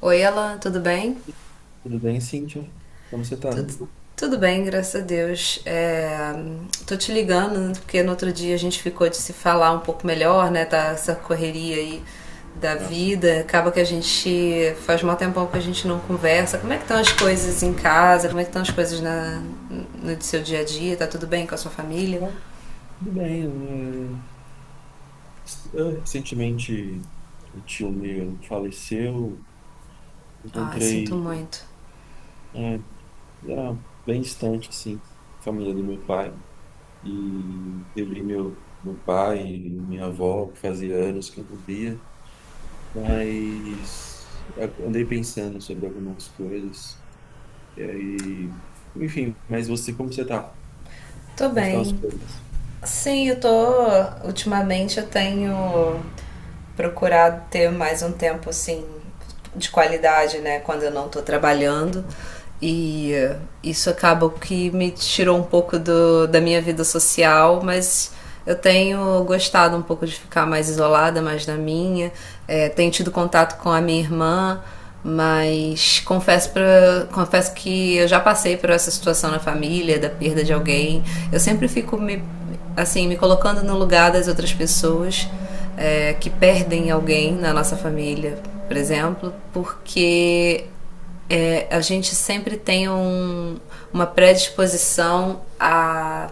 Oi, Ela, tudo bem? Tudo bem, Cíntia? Como você está? Tudo, tudo bem, graças a Deus. Tô te ligando, né, porque no outro dia a gente ficou de se falar um pouco melhor, né? Tá essa correria aí da Ah, sim. vida. Acaba que a gente faz mal tempão que a gente não conversa. Como é que estão as coisas em casa? Como é que estão as coisas no seu dia a dia? Tá tudo bem com a sua família? Ah, tudo bem. né? é, recentemente, um tio meu faleceu. Ah, sinto Encontrei, muito. é, era bem distante, assim, a família do meu pai. E eu vi meu pai e minha avó, que fazia anos que eu não via. Mas eu andei pensando sobre algumas coisas. E aí, mas você, como você está. Tô Como estão as bem. coisas? Sim, eu tô. Ultimamente eu tenho procurado ter mais um tempo assim de qualidade, né? Quando eu não tô trabalhando. E eh, isso acaba que me tirou um pouco da minha vida social, mas eu tenho gostado um pouco de ficar mais isolada, mais na minha. É, tenho tido contato com a minha irmã, mas confesso que eu já passei por essa situação na família, da perda de alguém. Eu sempre fico me colocando no lugar das outras pessoas que perdem alguém na nossa família, por exemplo, porque a gente sempre tem uma predisposição a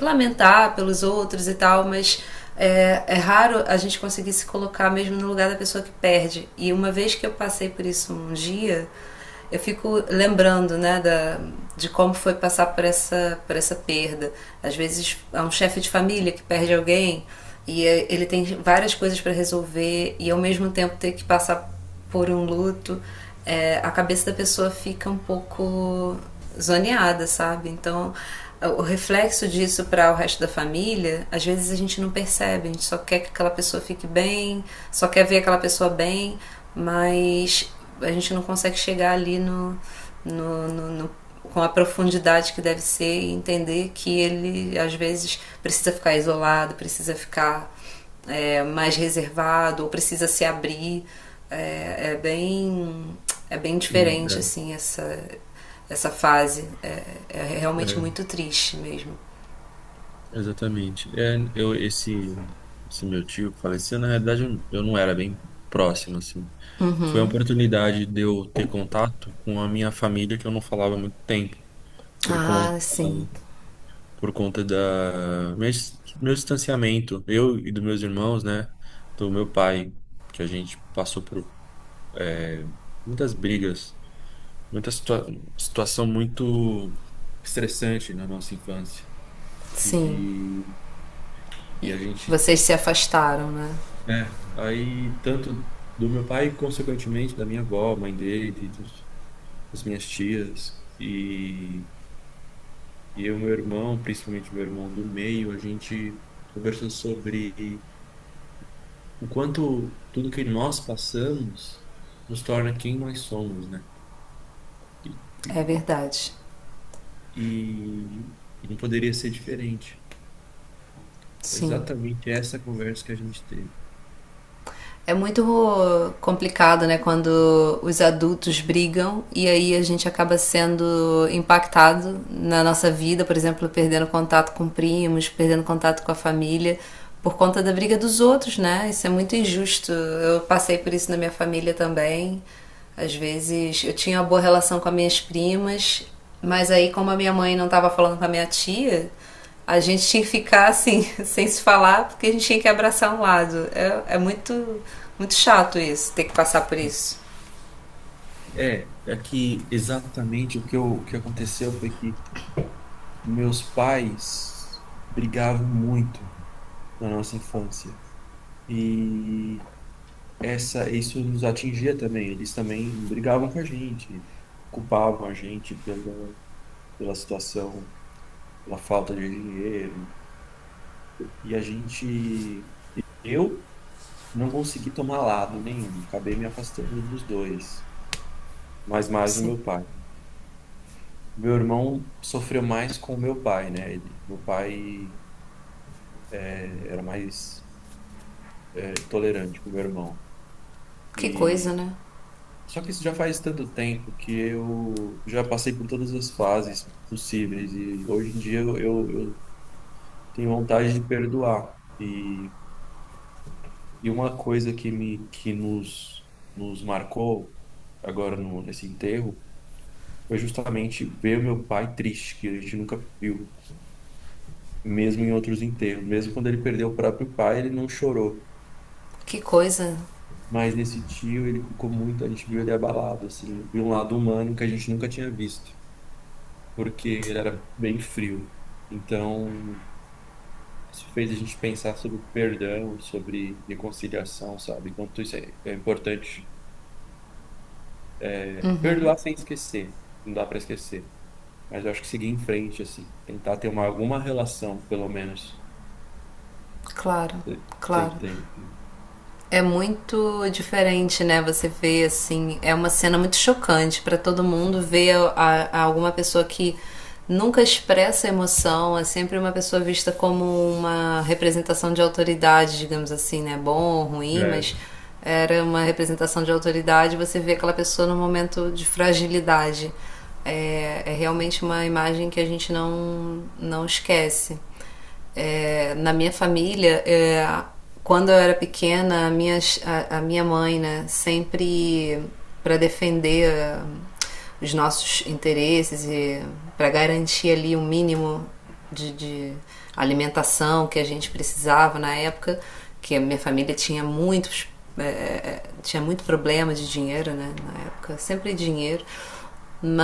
lamentar pelos outros e tal, mas é raro a gente conseguir se colocar mesmo no lugar da pessoa que perde. E uma vez que eu passei por isso um dia, eu fico lembrando, né, de como foi passar por por essa perda. Às vezes é um chefe de família que perde alguém e ele tem várias coisas para resolver e ao mesmo tempo ter que passar por um luto, a cabeça da pessoa fica um pouco zoneada, sabe? Então, o reflexo disso para o resto da família, às vezes a gente não percebe, a gente só quer que aquela pessoa fique bem, só quer ver aquela pessoa bem, mas a gente não consegue chegar ali no com a profundidade que deve ser e entender que ele às vezes precisa ficar isolado, precisa ficar mais reservado ou precisa se abrir. É, é, bem É bem Sim, diferente assim essa fase é realmente é. muito triste mesmo. Exatamente. Esse meu tio que faleceu, na realidade, eu não era bem próximo, assim. Foi uma oportunidade de eu ter contato com a minha família que eu não falava há muito tempo, por conta, Ah, sim, por conta da meu, dis- meu distanciamento, eu e dos meus irmãos, né, do meu pai, que a gente passou por é, muitas brigas, muita situa situação muito estressante na nossa infância. sim. E, e a gente. Vocês se afastaram, né? É, aí tanto do meu pai, consequentemente, da minha avó, mãe dele, das minhas tias, e eu, meu irmão, principalmente meu irmão do meio, a gente conversou sobre o quanto tudo que nós passamos nos torna quem nós somos, né? E, É verdade. e, e não poderia ser diferente. É Sim. exatamente essa conversa que a gente teve. É muito complicado, né, quando os adultos brigam e aí a gente acaba sendo impactado na nossa vida, por exemplo, perdendo contato com primos, perdendo contato com a família por conta da briga dos outros, né? Isso é muito injusto. Eu passei por isso na minha família também. Às vezes eu tinha uma boa relação com as minhas primas, mas aí, como a minha mãe não estava falando com a minha tia, a gente tinha que ficar assim, sem se falar, porque a gente tinha que abraçar um lado. É, é muito, muito chato isso, ter que passar por isso. É, é que exatamente o que aconteceu foi que meus pais brigavam muito na nossa infância. E isso nos atingia também. Eles também brigavam com a gente, culpavam a gente pela situação, pela falta de dinheiro. E a gente, eu não consegui tomar lado nenhum. Acabei me afastando dos dois, mas mais o Sim. meu pai. Meu irmão sofreu mais com o meu pai, né? Meu pai era mais tolerante com o meu irmão. Que E coisa, né? só que isso já faz tanto tempo que eu já passei por todas as fases possíveis e hoje em dia eu tenho vontade de perdoar. E uma coisa que me que nos nos marcou agora no, nesse enterro foi justamente ver o meu pai triste, que a gente nunca viu, mesmo em outros enterros, mesmo quando ele perdeu o próprio pai, ele não chorou. Que coisa. Mas nesse tio ele ficou muito, a gente viu ele abalado assim, de um lado humano que a gente nunca tinha visto, porque ele era bem frio. Então, isso fez a gente pensar sobre perdão, sobre reconciliação, sabe? Enquanto isso é importante perdoar sem esquecer, não dá para esquecer. Mas eu acho que seguir em frente, assim, tentar ter alguma relação, pelo menos. Claro, Você você claro. entende? É muito diferente, né? Você vê assim, é uma cena muito chocante para todo mundo ver a alguma pessoa que nunca expressa emoção, é sempre uma pessoa vista como uma representação de autoridade, digamos assim, né? Bom ou ruim, mas É, era uma representação de autoridade, você vê aquela pessoa num momento de fragilidade. É, é realmente uma imagem que a gente não, não esquece. Na minha família, quando eu era pequena, a minha mãe, né, sempre para defender os nossos interesses e para garantir ali o um mínimo de alimentação que a gente precisava na época, que a minha família tinha muitos tinha muito problema de dinheiro, né, na época, sempre dinheiro.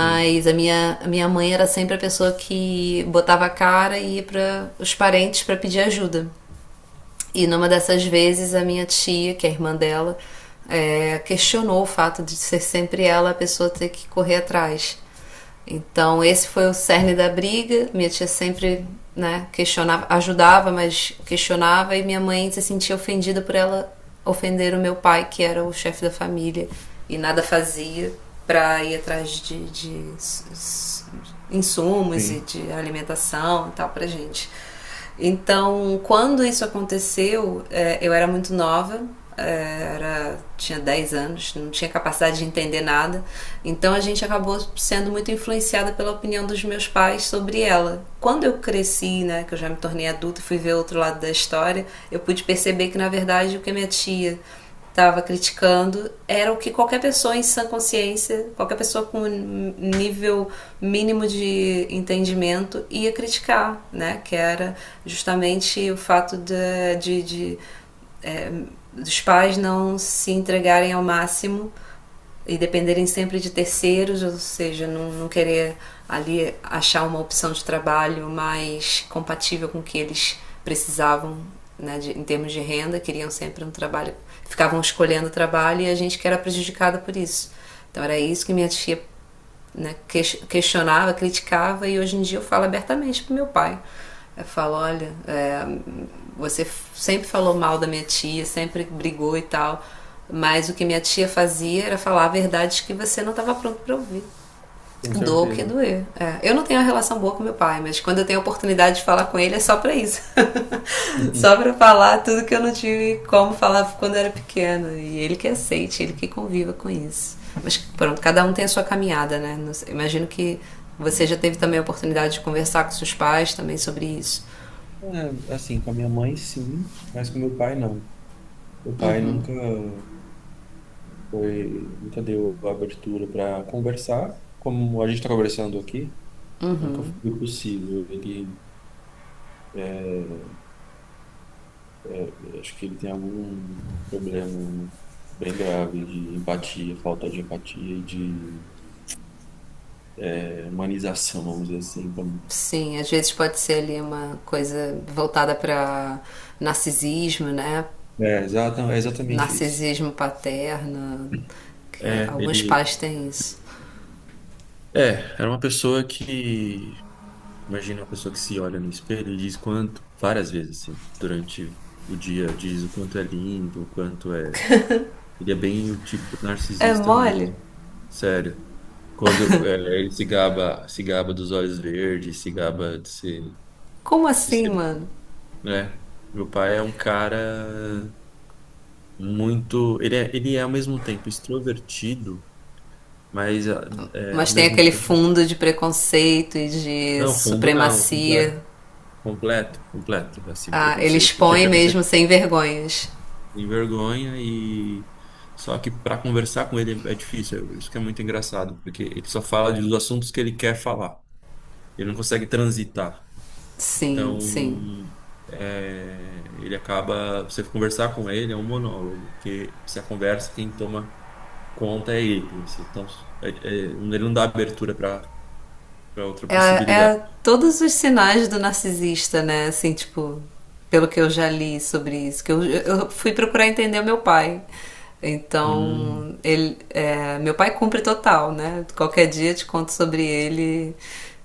sim, a minha mãe era sempre a pessoa que botava a cara e ia para os parentes para pedir ajuda. E numa dessas vezes, a minha tia, que é a irmã dela, questionou o fato de ser sempre ela a pessoa ter que correr atrás. Então, esse foi o cerne da briga. Minha tia sempre, né, questionava, ajudava, mas questionava, e minha mãe se sentia ofendida por ela ofender o meu pai, que era o chefe da família, e nada fazia para ir atrás de insumos e sim. de alimentação e tal pra gente. Então, quando isso aconteceu, eu era muito nova, tinha 10 anos, não tinha capacidade de entender nada. Então a gente acabou sendo muito influenciada pela opinião dos meus pais sobre ela. Quando eu cresci, né, que eu já me tornei adulta, fui ver outro lado da história, eu pude perceber que na verdade o que a minha tia estava criticando era o que qualquer pessoa em sã consciência, qualquer pessoa com um nível mínimo de entendimento ia criticar, né? Que era justamente o fato de dos pais não se entregarem ao máximo e dependerem sempre de terceiros, ou seja, não, não querer ali achar uma opção de trabalho mais compatível com o que eles precisavam, né, de, em termos de renda, queriam sempre um trabalho, ficavam escolhendo o trabalho e a gente que era prejudicada por isso. Então era isso que minha tia, né, questionava, criticava, e hoje em dia eu falo abertamente pro meu pai. Eu falo, olha, você sempre falou mal da minha tia, sempre brigou e tal, mas o que minha tia fazia era falar verdades que você não estava pronto para ouvir. Com Doa o que certeza. doer. É. Eu não tenho uma relação boa com meu pai, mas quando eu tenho a oportunidade de falar com ele é só pra isso. Só pra falar tudo que eu não tive como falar quando eu era pequena. E ele que aceite, ele que conviva com isso. Mas pronto, cada um tem a sua caminhada, né? Imagino que você já teve também a oportunidade de conversar com seus pais também sobre isso. É, assim, com a minha mãe, sim, mas com meu pai, não. Meu pai nunca. Nunca deu abertura para conversar, como a gente está conversando aqui, nunca foi possível. Acho que ele tem algum problema bem grave de empatia, falta de empatia e de humanização, vamos dizer assim. Como… Sim, às vezes pode ser ali uma coisa voltada para narcisismo, né? É exatamente isso. Narcisismo paterno, que É, alguns ele pais têm isso. é, era uma pessoa imagina uma pessoa que se olha no espelho e diz quanto, várias vezes assim, durante o dia, diz o quanto é lindo, o quanto é. Ele é bem o típico É narcisista mole? mesmo. Sério. Ele se gaba, se gaba dos olhos verdes, se gaba Como de assim, ser, mano? né? Meu pai é um cara muito, ele é ao mesmo tempo extrovertido, mas é, ao Mas tem mesmo aquele tempo, fundo de preconceito e de não, fundo não, supremacia. completo, completo, assim, Ah, ele preconceito, tinha expõe mesmo preconceito, sem vergonhas. tem vergonha e só que para conversar com ele é difícil, isso que é muito engraçado, porque ele só fala dos assuntos que ele quer falar. Ele não consegue transitar. Então, Sim, sim. Ele acaba, você conversar com ele é um monólogo, porque se a conversa quem toma conta é ele, assim. Então ele não dá abertura para outra É, possibilidade. é todos os sinais do narcisista, né? Assim, tipo, pelo que eu já li sobre isso, que eu fui procurar entender o meu pai. Hum, Então, meu pai cumpre total, né? Qualquer dia eu te conto sobre ele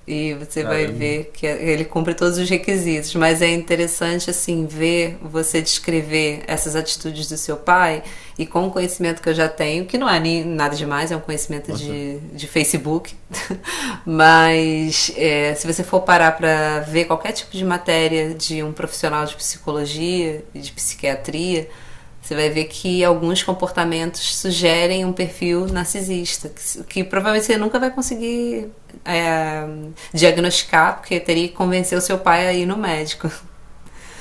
e você vai caramba, ver que ele cumpre todos os requisitos. Mas é interessante, assim, ver você descrever essas atitudes do seu pai e com o conhecimento que eu já tenho, que não é nem nada demais, é um conhecimento nossa, de Facebook. Mas é, se você for parar para ver qualquer tipo de matéria de um profissional de psicologia e de psiquiatria, você vai ver que alguns comportamentos sugerem um perfil narcisista, que provavelmente você nunca vai conseguir é, diagnosticar, porque teria que convencer o seu pai a ir no médico.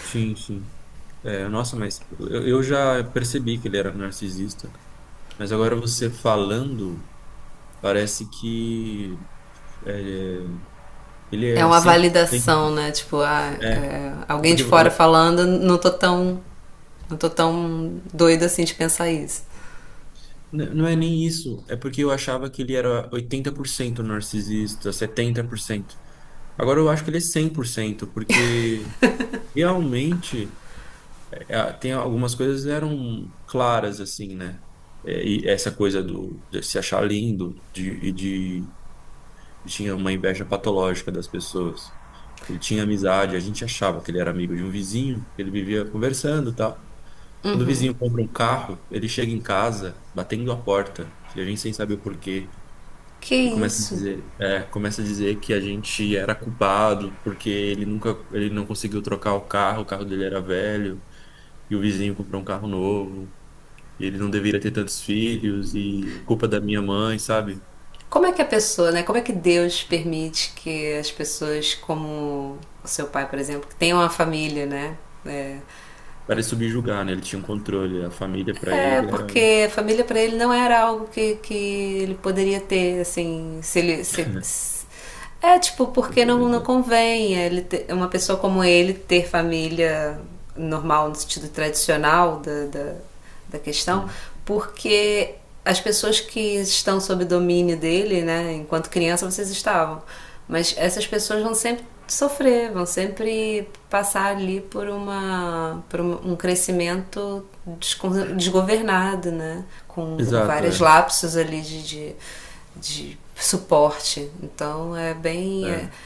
sim, sim. É, nossa, mas eu já percebi que ele era narcisista, mas agora você falando, parece que é, ele É é uma sempre. validação, Sempre. né? Tipo, ah, É, é, alguém de porque fora falando, não tô tão. Não tô tão doida assim de pensar isso. Não é nem isso, é porque eu achava que ele era 80% narcisista, 70%. Agora eu acho que ele é 100%, porque realmente tem algumas coisas que eram claras assim, né? E essa coisa do de se achar lindo de tinha uma inveja patológica das pessoas. Ele tinha amizade, a gente achava que ele era amigo de um vizinho, ele vivia conversando, e tal. Quando o vizinho compra um carro, ele chega em casa batendo a porta, e a gente sem saber o porquê. Que E começa a isso? dizer, começa a dizer que a gente era culpado porque ele não conseguiu trocar o carro dele era velho e o vizinho comprou um carro novo. E ele não deveria ter tantos filhos e a culpa da minha mãe, sabe? Como é que a pessoa, né? Como é que Deus permite que as pessoas como o seu pai, por exemplo, que tenham uma família, né? É, Para ele subjugar, né? Ele tinha um controle, a família para É, ele era. porque família para ele não era algo que ele poderia ter, assim, se ele. É, tipo, porque não convém ele ter- uma pessoa como ele ter família normal, no sentido tradicional da questão, Hum. porque as pessoas que estão sob domínio dele, né, enquanto criança vocês estavam. Mas essas pessoas vão sempre sofrer, vão sempre passar ali por um crescimento desgovernado, né? Com Exato, vários é. lapsos ali de suporte. Então é bem. É, É.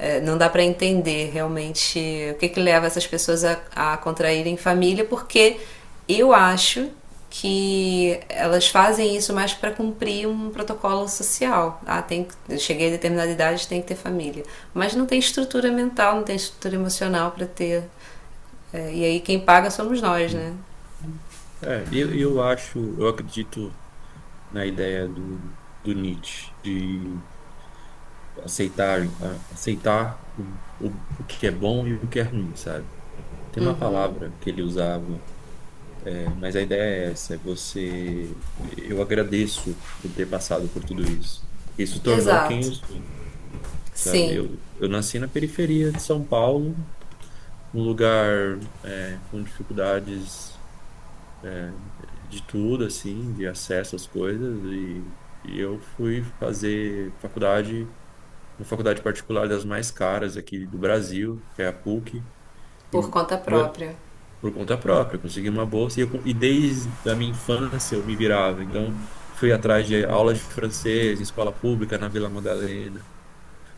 é, não dá para entender realmente que leva essas pessoas a contraírem família, porque eu acho que elas fazem isso mais para cumprir um protocolo social. Ah, tem, cheguei a determinada idade, tem que ter família. Mas não tem estrutura mental, não tem estrutura emocional para ter. É, e aí quem paga somos nós, né? Hum. Eu acho, eu acredito na ideia do Nietzsche, de aceitar, aceitar o que é bom e o que é ruim, sabe? Tem uma palavra que ele usava, mas a ideia é essa, é você, eu agradeço por ter passado por tudo isso. Isso tornou quem Exato. eu sou, sabe? Sim, Eu nasci na periferia de São Paulo, num lugar, é, com dificuldades de tudo, assim, de acesso às coisas, e eu fui fazer faculdade, uma faculdade particular das mais caras aqui do Brasil, que é a PUC. por E, conta bê, própria. por conta própria, eu consegui uma bolsa e desde a minha infância eu me virava. Então, fui atrás de aulas de francês em escola pública na Vila Madalena.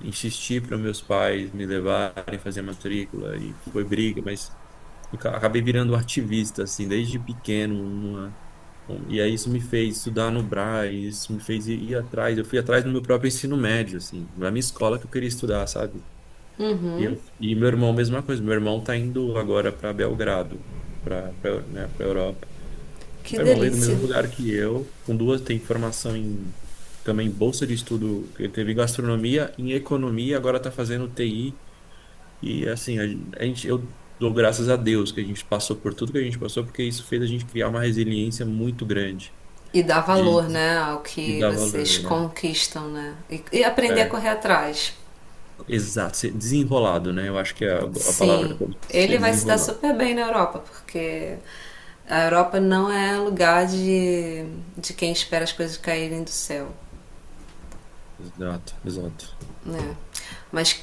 Insisti para meus pais me levarem fazer matrícula e foi briga, mas acabei virando um ativista, assim, desde pequeno. E aí isso me fez estudar no Brás, isso me fez ir atrás. Eu fui atrás do meu próprio ensino médio, assim, na minha escola que eu queria estudar, sabe? E meu irmão, mesma coisa. Meu irmão tá indo agora para Belgrado, para né, para Europa. Que Meu irmão veio do delícia. mesmo lugar que eu, com duas, tem formação em também bolsa de estudo, ele teve em gastronomia, em economia, agora tá fazendo TI. E assim, a gente, eu dou graças a Deus que a gente passou por tudo que a gente passou, porque isso fez a gente criar uma resiliência muito grande E dar de, valor, né, ao de que dar vocês valor, né? conquistam, né? E aprender a É, correr atrás. exato, ser desenrolado, né? Eu acho que é a palavra, Sim, ser ele vai se dar desenrolado. super bem na Europa, porque a Europa não é lugar de quem espera as coisas caírem do céu. Exato, exato. Né? Mas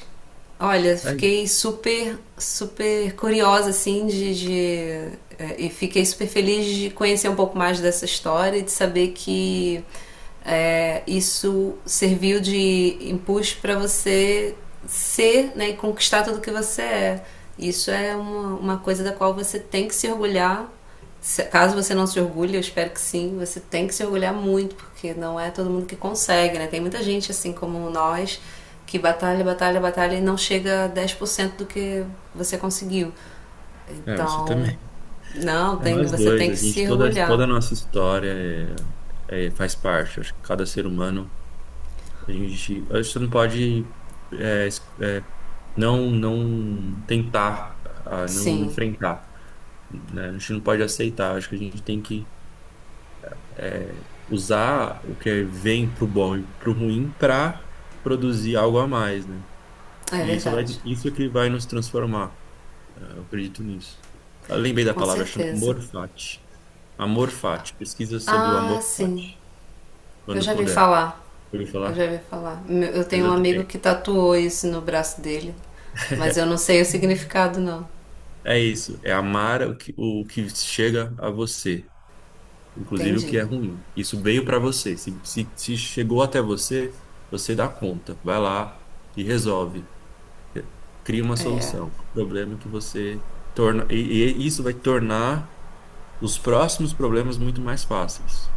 olha, É, fiquei super, super curiosa assim e fiquei super feliz de conhecer um pouco mais dessa história e de saber que eh, isso serviu de impulso para você ser, né, e conquistar tudo que você é. Isso é uma coisa da qual você tem que se orgulhar. Caso você não se orgulhe, eu espero que sim, você tem que se orgulhar muito, porque não é todo mundo que consegue, né? Tem muita gente assim como nós que batalha, batalha, batalha e não chega a 10% do que você conseguiu. É, você Então, também. não, É tem, nós você dois, tem a que gente, se toda orgulhar. a nossa história faz parte. Acho que cada ser humano, a gente não pode é, es- é, não tentar, ah, não Sim, enfrentar, né? A gente não pode aceitar. Acho que a gente tem que usar o que vem pro bom e pro ruim para produzir algo a mais, né? é verdade. Isso que vai nos transformar. É, eu acredito nisso. Eu lembrei da Com palavra, chama certeza. Amor Fati. Amor Fati. Pesquisa sobre o Ah, Amor sim. Fati, Eu quando já vi puder. falar. Ouviu Eu já falar? vi falar. Eu tenho um amigo Exatamente. que tatuou isso no braço dele, mas eu não sei o significado, não. É isso. É amar o que chega a você, inclusive o que Entendi. é ruim. Isso veio para você. Se chegou até você, você dá conta. Vai lá e resolve. Cria uma É. solução. O problema é que você torna. E isso vai tornar os próximos problemas muito mais fáceis.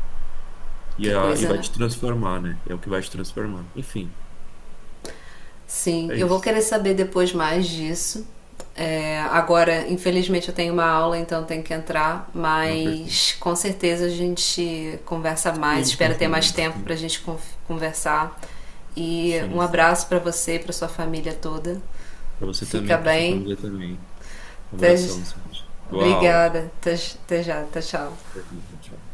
Que E coisa, vai né? te transformar, né? É o que vai te transformar. Enfim, Sim, é eu vou isso. querer saber depois mais disso. É, agora, infelizmente, eu tenho uma aula, então tenho que entrar, Não, perfeito. mas com certeza a gente conversa E a mais. gente Espero ter mais continua. tempo Sim, para a gente conversar. E um sim. abraço para você e para sua família toda. Pra você Fica também, pra sua bem. família também. Um Até- abração, Sandy. Boa aula. Obrigada. Até, já. Tchau. Tchau.